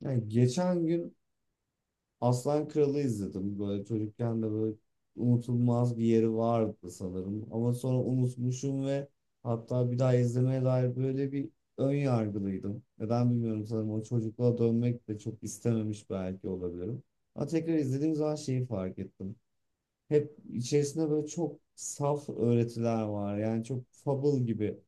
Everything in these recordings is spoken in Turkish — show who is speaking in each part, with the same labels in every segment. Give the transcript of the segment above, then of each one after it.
Speaker 1: Yani geçen gün Aslan Kralı izledim. Böyle çocukken de böyle unutulmaz bir yeri vardı sanırım. Ama sonra unutmuşum ve hatta bir daha izlemeye dair böyle bir ön yargılıydım. Neden bilmiyorum, sanırım o çocukluğa dönmek de çok istememiş belki olabilirim. Ama tekrar izlediğim zaman şeyi fark ettim. Hep içerisinde böyle çok saf öğretiler var. Yani çok fable gibi.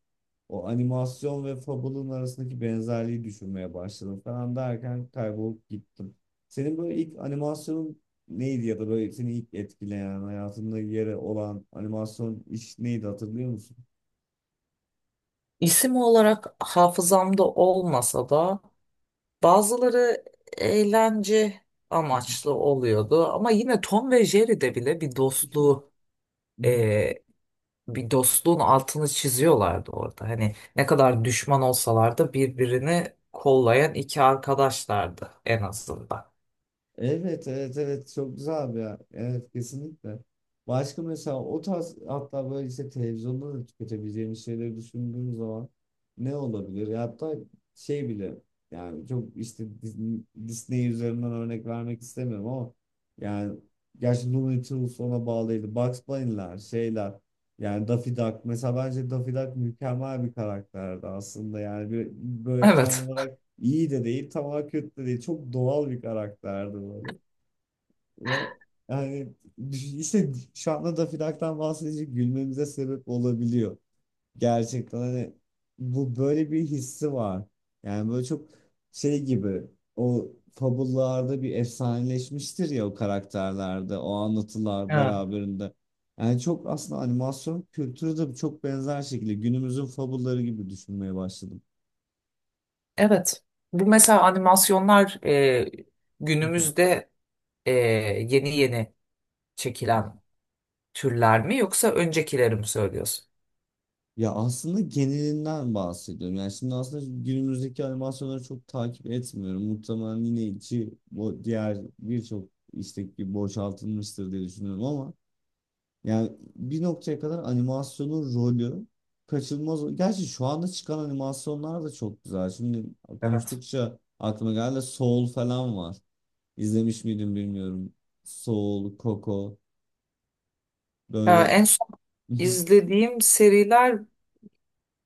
Speaker 1: O animasyon ve Fable'ın arasındaki benzerliği düşünmeye başladım falan derken kaybolup gittim. Senin böyle ilk animasyonun neydi ya da böyle seni ilk etkileyen, hayatında yeri olan animasyon iş neydi, hatırlıyor musun?
Speaker 2: İsim olarak hafızamda olmasa da bazıları eğlence amaçlı oluyordu. Ama yine Tom ve Jerry'de bile e, bir dostluğun altını çiziyorlardı orada. Hani ne kadar düşman olsalar da birbirini kollayan iki arkadaşlardı en azından.
Speaker 1: Evet, evet, evet, çok güzel abi ya. Evet, kesinlikle. Başka mesela o tarz, hatta böyle işte televizyonda da tüketebileceğimiz şeyleri düşündüğüm zaman ne olabilir? Ya hatta şey bile, yani çok işte Disney üzerinden örnek vermek istemiyorum ama yani, gerçi Looney Tunes ona bağlıydı. Bugs Bunny'ler, şeyler, yani Daffy Duck mesela, bence Daffy Duck mükemmel bir karakterdi aslında, yani bir, böyle tam
Speaker 2: Evet.
Speaker 1: olarak İyi de değil, tamam, kötü de değil. Çok doğal bir karakterdi böyle. Ve yani işte şu anda Daffy Duck'tan bahsedince gülmemize sebep olabiliyor. Gerçekten hani bu, böyle bir hissi var. Yani böyle çok şey gibi, o fabullarda bir efsaneleşmiştir ya o karakterlerde, o anlatılar
Speaker 2: Ha.
Speaker 1: beraberinde. Yani çok aslında animasyon kültürü de çok benzer şekilde günümüzün fabulları gibi düşünmeye başladım.
Speaker 2: Evet. Bu mesela animasyonlar günümüzde e, yeni yeni çekilen türler mi yoksa öncekileri mi söylüyorsun?
Speaker 1: Ya aslında genelinden bahsediyorum. Yani şimdi aslında günümüzdeki animasyonları çok takip etmiyorum. Muhtemelen yine içi bu diğer birçok istek gibi boşaltılmıştır diye düşünüyorum ama yani bir noktaya kadar animasyonun rolü kaçınılmaz. Gerçi şu anda çıkan animasyonlar da çok güzel. Şimdi
Speaker 2: Evet.
Speaker 1: konuştukça aklıma geldi, Soul falan var. İzlemiş miydim bilmiyorum. Soul, Coco,
Speaker 2: Ya
Speaker 1: böyle
Speaker 2: en son izlediğim seriler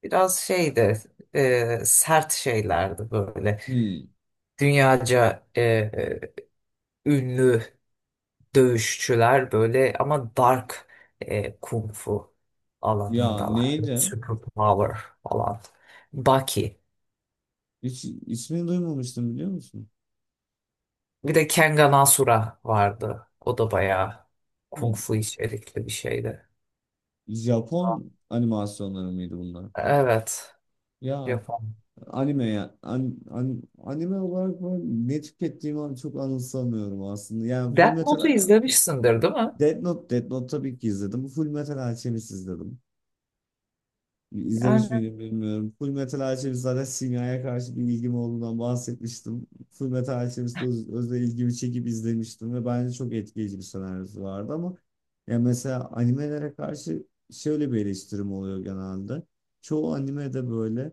Speaker 2: biraz şeydi, sert şeylerdi böyle.
Speaker 1: hmm.
Speaker 2: Dünyaca ünlü dövüşçüler böyle ama dark, kung fu
Speaker 1: Ya
Speaker 2: alanındalardı.
Speaker 1: neydi?
Speaker 2: Super Power falan. Baki.
Speaker 1: Hiç ismini duymamıştım, biliyor musun?
Speaker 2: Bir de Kengan Asura vardı. O da bayağı
Speaker 1: Hı.
Speaker 2: kung fu içerikli bir şeydi.
Speaker 1: Japon animasyonları mıydı bunlar?
Speaker 2: Evet.
Speaker 1: Ya
Speaker 2: Japon.
Speaker 1: anime ya anime olarak ben ne tükettiğimi çok anımsamıyorum aslında. Yani Full
Speaker 2: Death
Speaker 1: Metal.
Speaker 2: Note'u izlemişsindir değil mi?
Speaker 1: Death Note, Death Note tabii ki izledim. Full Metal Alchemist izledim. İzlemiş
Speaker 2: Yani.
Speaker 1: miydim bilmiyorum. Full Metal Alchemist zaten, simyaya karşı bir ilgim olduğundan bahsetmiştim. Full Metal Alchemist'te özel ilgimi çekip izlemiştim ve bence çok etkileyici bir senaryosu vardı ama ya mesela animelere karşı şöyle bir eleştirim oluyor genelde. Çoğu animede böyle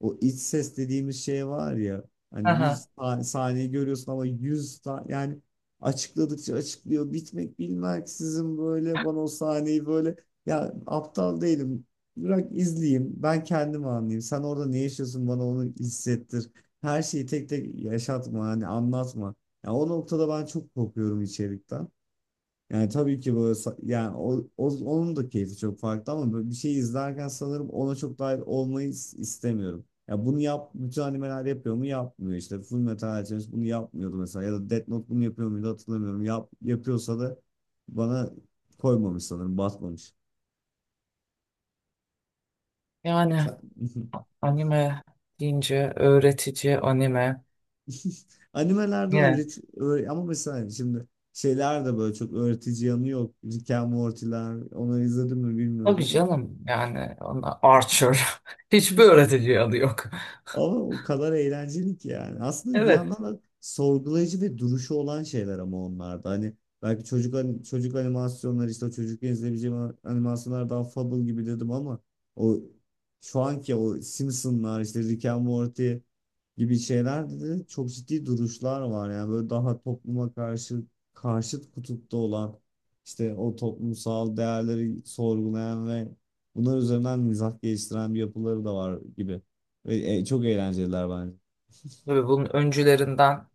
Speaker 1: o iç ses dediğimiz şey var ya, hani bir
Speaker 2: Aha.
Speaker 1: sahneyi görüyorsun ama yani açıkladıkça açıklıyor, bitmek bilmeksizin, böyle bana o sahneyi böyle, ya aptal değilim. Bırak izleyeyim. Ben kendim anlayayım. Sen orada ne yaşıyorsun, bana onu hissettir. Her şeyi tek tek yaşatma, hani anlatma. Ya o noktada ben çok korkuyorum içerikten. Yani tabii ki böyle yani onun da keyfi çok farklı ama böyle bir şey izlerken sanırım ona çok dahil olmayı istemiyorum. Ya bunu yap, bütün animeler yapıyor mu? Yapmıyor işte. Full Metal Alchemist bunu yapmıyordu mesela, ya da Death Note bunu yapıyor muydu hatırlamıyorum. Yapıyorsa da bana koymamış sanırım, batmamış.
Speaker 2: Yani
Speaker 1: Sen...
Speaker 2: anime deyince öğretici anime.
Speaker 1: Animelerde
Speaker 2: Yine
Speaker 1: ama mesela şimdi şeyler de böyle çok öğretici yanı yok. Rick and Morty'ler, onları izledim mi bilmiyorum
Speaker 2: tabii
Speaker 1: ama.
Speaker 2: canım yani ona Archer. Hiçbir öğretici adı yok.
Speaker 1: Ama o kadar eğlenceli ki yani. Aslında bir
Speaker 2: Evet.
Speaker 1: yandan da sorgulayıcı ve duruşu olan şeyler ama onlarda. Hani belki çocuk animasyonları, işte o çocukken izleyebileceğim animasyonlar daha Fable gibi dedim ama o şu anki o Simpsonlar, işte Rick and Morty gibi şeylerde de çok ciddi duruşlar var. Yani böyle daha topluma karşı, karşıt kutupta olan, işte o toplumsal değerleri sorgulayan ve bunlar üzerinden mizah geliştiren bir yapıları da var gibi. Ve, çok eğlenceliler bence.
Speaker 2: Tabii bunun öncülerinden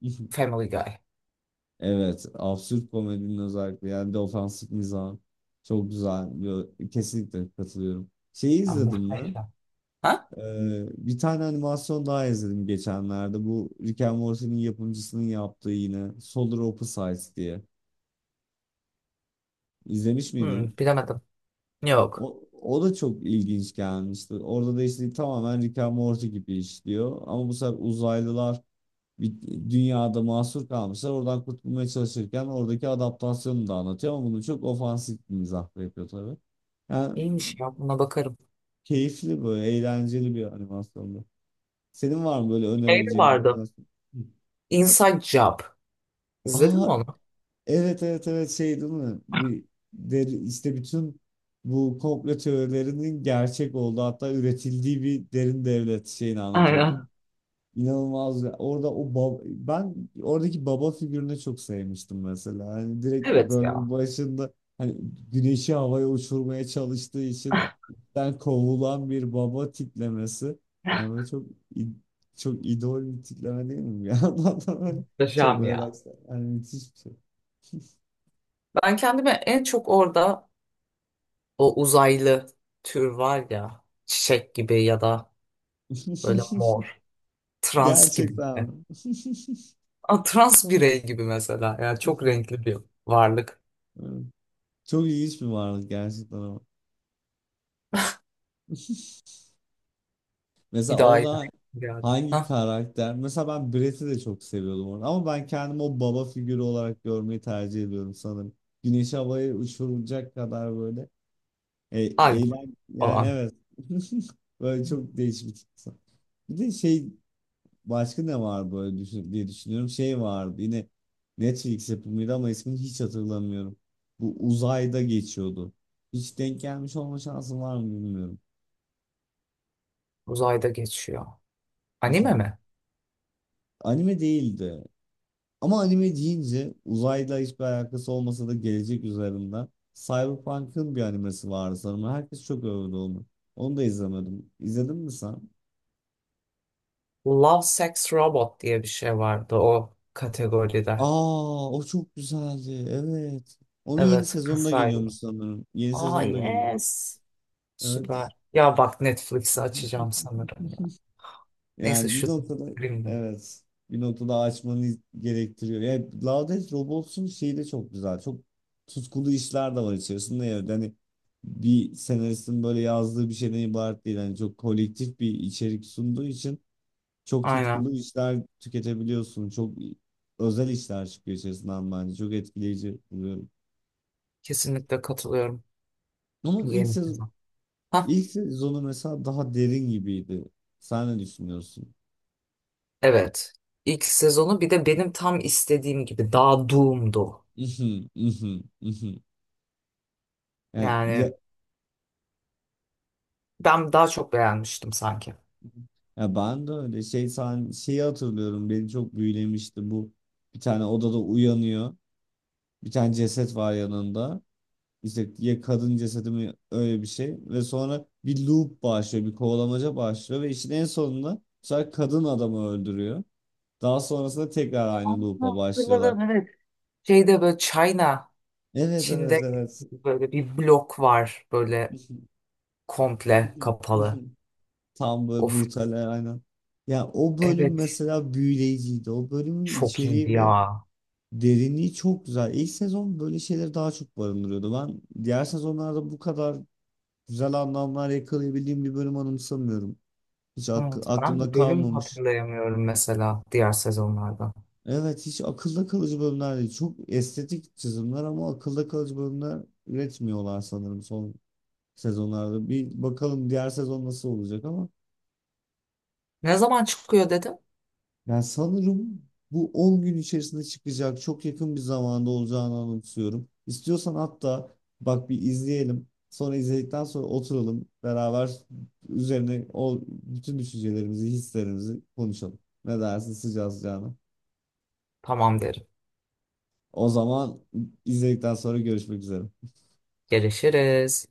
Speaker 2: Family Guy.
Speaker 1: Evet, absürt komedinin özellikle, yani defansif mizah çok güzel. Yo, kesinlikle katılıyorum. Şeyi
Speaker 2: Ya
Speaker 1: izledim mi?
Speaker 2: muhteşem. Ha?
Speaker 1: Bir tane animasyon daha izledim geçenlerde. Bu Rick and Morty'nin yapımcısının yaptığı, yine Solar Opposites diye. İzlemiş
Speaker 2: Hmm,
Speaker 1: miydin?
Speaker 2: bilemedim. Yok.
Speaker 1: O, o da çok ilginç gelmişti. Orada da işte tamamen Rick and Morty gibi işliyor. Ama bu sefer uzaylılar bir dünyada mahsur kalmışlar. Oradan kurtulmaya çalışırken oradaki adaptasyonu da anlatıyor ama bunu çok ofansif bir mizahla yapıyor tabii. Yani
Speaker 2: İyiymiş ya buna bakarım.
Speaker 1: keyifli, böyle eğlenceli bir animasyondu. Senin var mı böyle
Speaker 2: Şey de
Speaker 1: önerebileceğin bir
Speaker 2: vardı.
Speaker 1: animasyon? Hı.
Speaker 2: Inside Job. İzledin
Speaker 1: Aa,
Speaker 2: mi onu?
Speaker 1: evet, evet, evet, şey değil mi? Bir, der, işte bütün bu komplo teorilerinin gerçek olduğu, hatta üretildiği bir derin devlet şeyini anlatıyordu.
Speaker 2: Aynen.
Speaker 1: İnanılmaz ya. Orada o ben oradaki baba figürünü çok sevmiştim mesela. Hani direkt
Speaker 2: Evet ya.
Speaker 1: bölüm başında, hani güneşi havaya uçurmaya çalıştığı için ben kovulan bir baba tiplemesi. Yani böyle çok i- çok idol bir tipleme değil mi? Ya adam çok
Speaker 2: Muhteşem
Speaker 1: böyle,
Speaker 2: ya.
Speaker 1: yani müthiş bir şey.
Speaker 2: Ben kendime en çok orada o uzaylı tür var ya. Çiçek gibi ya da böyle mor. Trans gibi.
Speaker 1: Gerçekten.
Speaker 2: A, trans birey gibi mesela. Yani çok renkli bir varlık.
Speaker 1: Evet. Çok ilginç bir varlık gerçekten ama. Mesela
Speaker 2: Bir daha iyi bir
Speaker 1: orada
Speaker 2: şey geldi.
Speaker 1: hangi
Speaker 2: Hah,
Speaker 1: karakter? Mesela ben Brett'i de çok seviyordum orada. Ama ben kendimi o baba figürü olarak görmeyi tercih ediyorum sanırım. Güneş havaya uçurulacak kadar böyle.
Speaker 2: Alp
Speaker 1: Eğlen, yani
Speaker 2: falan.
Speaker 1: evet. Böyle çok değişik bir tip. Bir de şey, başka ne var böyle düşün, diye düşünüyorum. Şey vardı yine, Netflix yapımıydı ama ismini hiç hatırlamıyorum. Bu uzayda geçiyordu. Hiç denk gelmiş olma şansım var mı bilmiyorum.
Speaker 2: Uzayda geçiyor. Anime mi?
Speaker 1: Anime değildi. Ama anime deyince, uzayla hiçbir alakası olmasa da, gelecek üzerinden Cyberpunk'ın bir animesi vardı sanırım. Herkes çok övdü onu. Onu da izlemedim. İzledin mi sen?
Speaker 2: Love, Sex, Robot diye bir şey vardı o kategoride.
Speaker 1: Aa, o çok güzeldi. Evet. Onun yeni
Speaker 2: Evet,
Speaker 1: sezonu da geliyormuş
Speaker 2: kısaydı.
Speaker 1: sanırım. Yeni
Speaker 2: Aa
Speaker 1: sezonu da geliyor.
Speaker 2: yes.
Speaker 1: Evet.
Speaker 2: Süper. Ya bak Netflix'i açacağım sanırım ya. Neyse
Speaker 1: Yani bir
Speaker 2: şu
Speaker 1: noktada,
Speaker 2: filmde.
Speaker 1: evet, bir noktada açmanı gerektiriyor. Yani Love Death Robots'un şeyi de çok güzel. Çok tutkulu işler de var içerisinde. Yani hani bir senaristin böyle yazdığı bir şeyden ibaret değil. Yani çok kolektif bir içerik sunduğu için çok
Speaker 2: Aynen.
Speaker 1: tutkulu işler tüketebiliyorsun. Çok özel işler çıkıyor içerisinden bence. Çok etkileyici buluyorum.
Speaker 2: Kesinlikle katılıyorum.
Speaker 1: Ama ilk
Speaker 2: Yeni
Speaker 1: sezon,
Speaker 2: sezon. Hah,
Speaker 1: ilk sezonu mesela daha derin gibiydi. Sen ne düşünüyorsun?
Speaker 2: evet. İlk sezonu bir de benim tam istediğim gibi daha doom'du.
Speaker 1: Mhm, mhm, mhm. Yani
Speaker 2: Yani ben daha çok beğenmiştim sanki.
Speaker 1: ya ben de öyle, şey, sen, şeyi hatırlıyorum, beni çok büyülemişti bu. Bir tane odada uyanıyor, bir tane ceset var yanında, işte ya kadın cesedi mi, öyle bir şey, ve sonra bir loop başlıyor, bir kovalamaca başlıyor ve işin en sonunda bu sefer kadın adamı öldürüyor, daha sonrasında tekrar
Speaker 2: Aa,
Speaker 1: aynı loop'a başlıyorlar.
Speaker 2: hatırladım evet. Şeyde böyle China,
Speaker 1: Evet,
Speaker 2: Çin'de
Speaker 1: evet, evet.
Speaker 2: böyle bir blok var böyle komple kapalı.
Speaker 1: Tam böyle
Speaker 2: Of,
Speaker 1: brutal, aynen. Ya o bölüm
Speaker 2: evet
Speaker 1: mesela büyüleyiciydi, o bölümün
Speaker 2: çok iyiydi
Speaker 1: içeriği ve
Speaker 2: ya.
Speaker 1: derinliği çok güzel. İlk sezon böyle şeyleri daha çok barındırıyordu. Ben diğer sezonlarda bu kadar güzel anlamlar yakalayabildiğim bir bölüm anımsamıyorum. Hiç
Speaker 2: Evet,
Speaker 1: aklımda
Speaker 2: ben bölüm
Speaker 1: kalmamış.
Speaker 2: hatırlayamıyorum mesela diğer sezonlarda.
Speaker 1: Evet, hiç akılda kalıcı bölümler değil. Çok estetik çizimler ama akılda kalıcı bölümler üretmiyorlar sanırım son sezonlarda. Bir bakalım diğer sezon nasıl olacak ama.
Speaker 2: Ne zaman çıkıyor dedim.
Speaker 1: Yani sanırım bu 10 gün içerisinde çıkacak. Çok yakın bir zamanda olacağını anımsıyorum. İstiyorsan hatta bak bir izleyelim. Sonra izledikten sonra oturalım beraber üzerine o bütün düşüncelerimizi, hislerimizi konuşalım. Ne dersin sıcağı sıcağına?
Speaker 2: Tamam derim.
Speaker 1: O zaman izledikten sonra görüşmek üzere.
Speaker 2: Görüşürüz.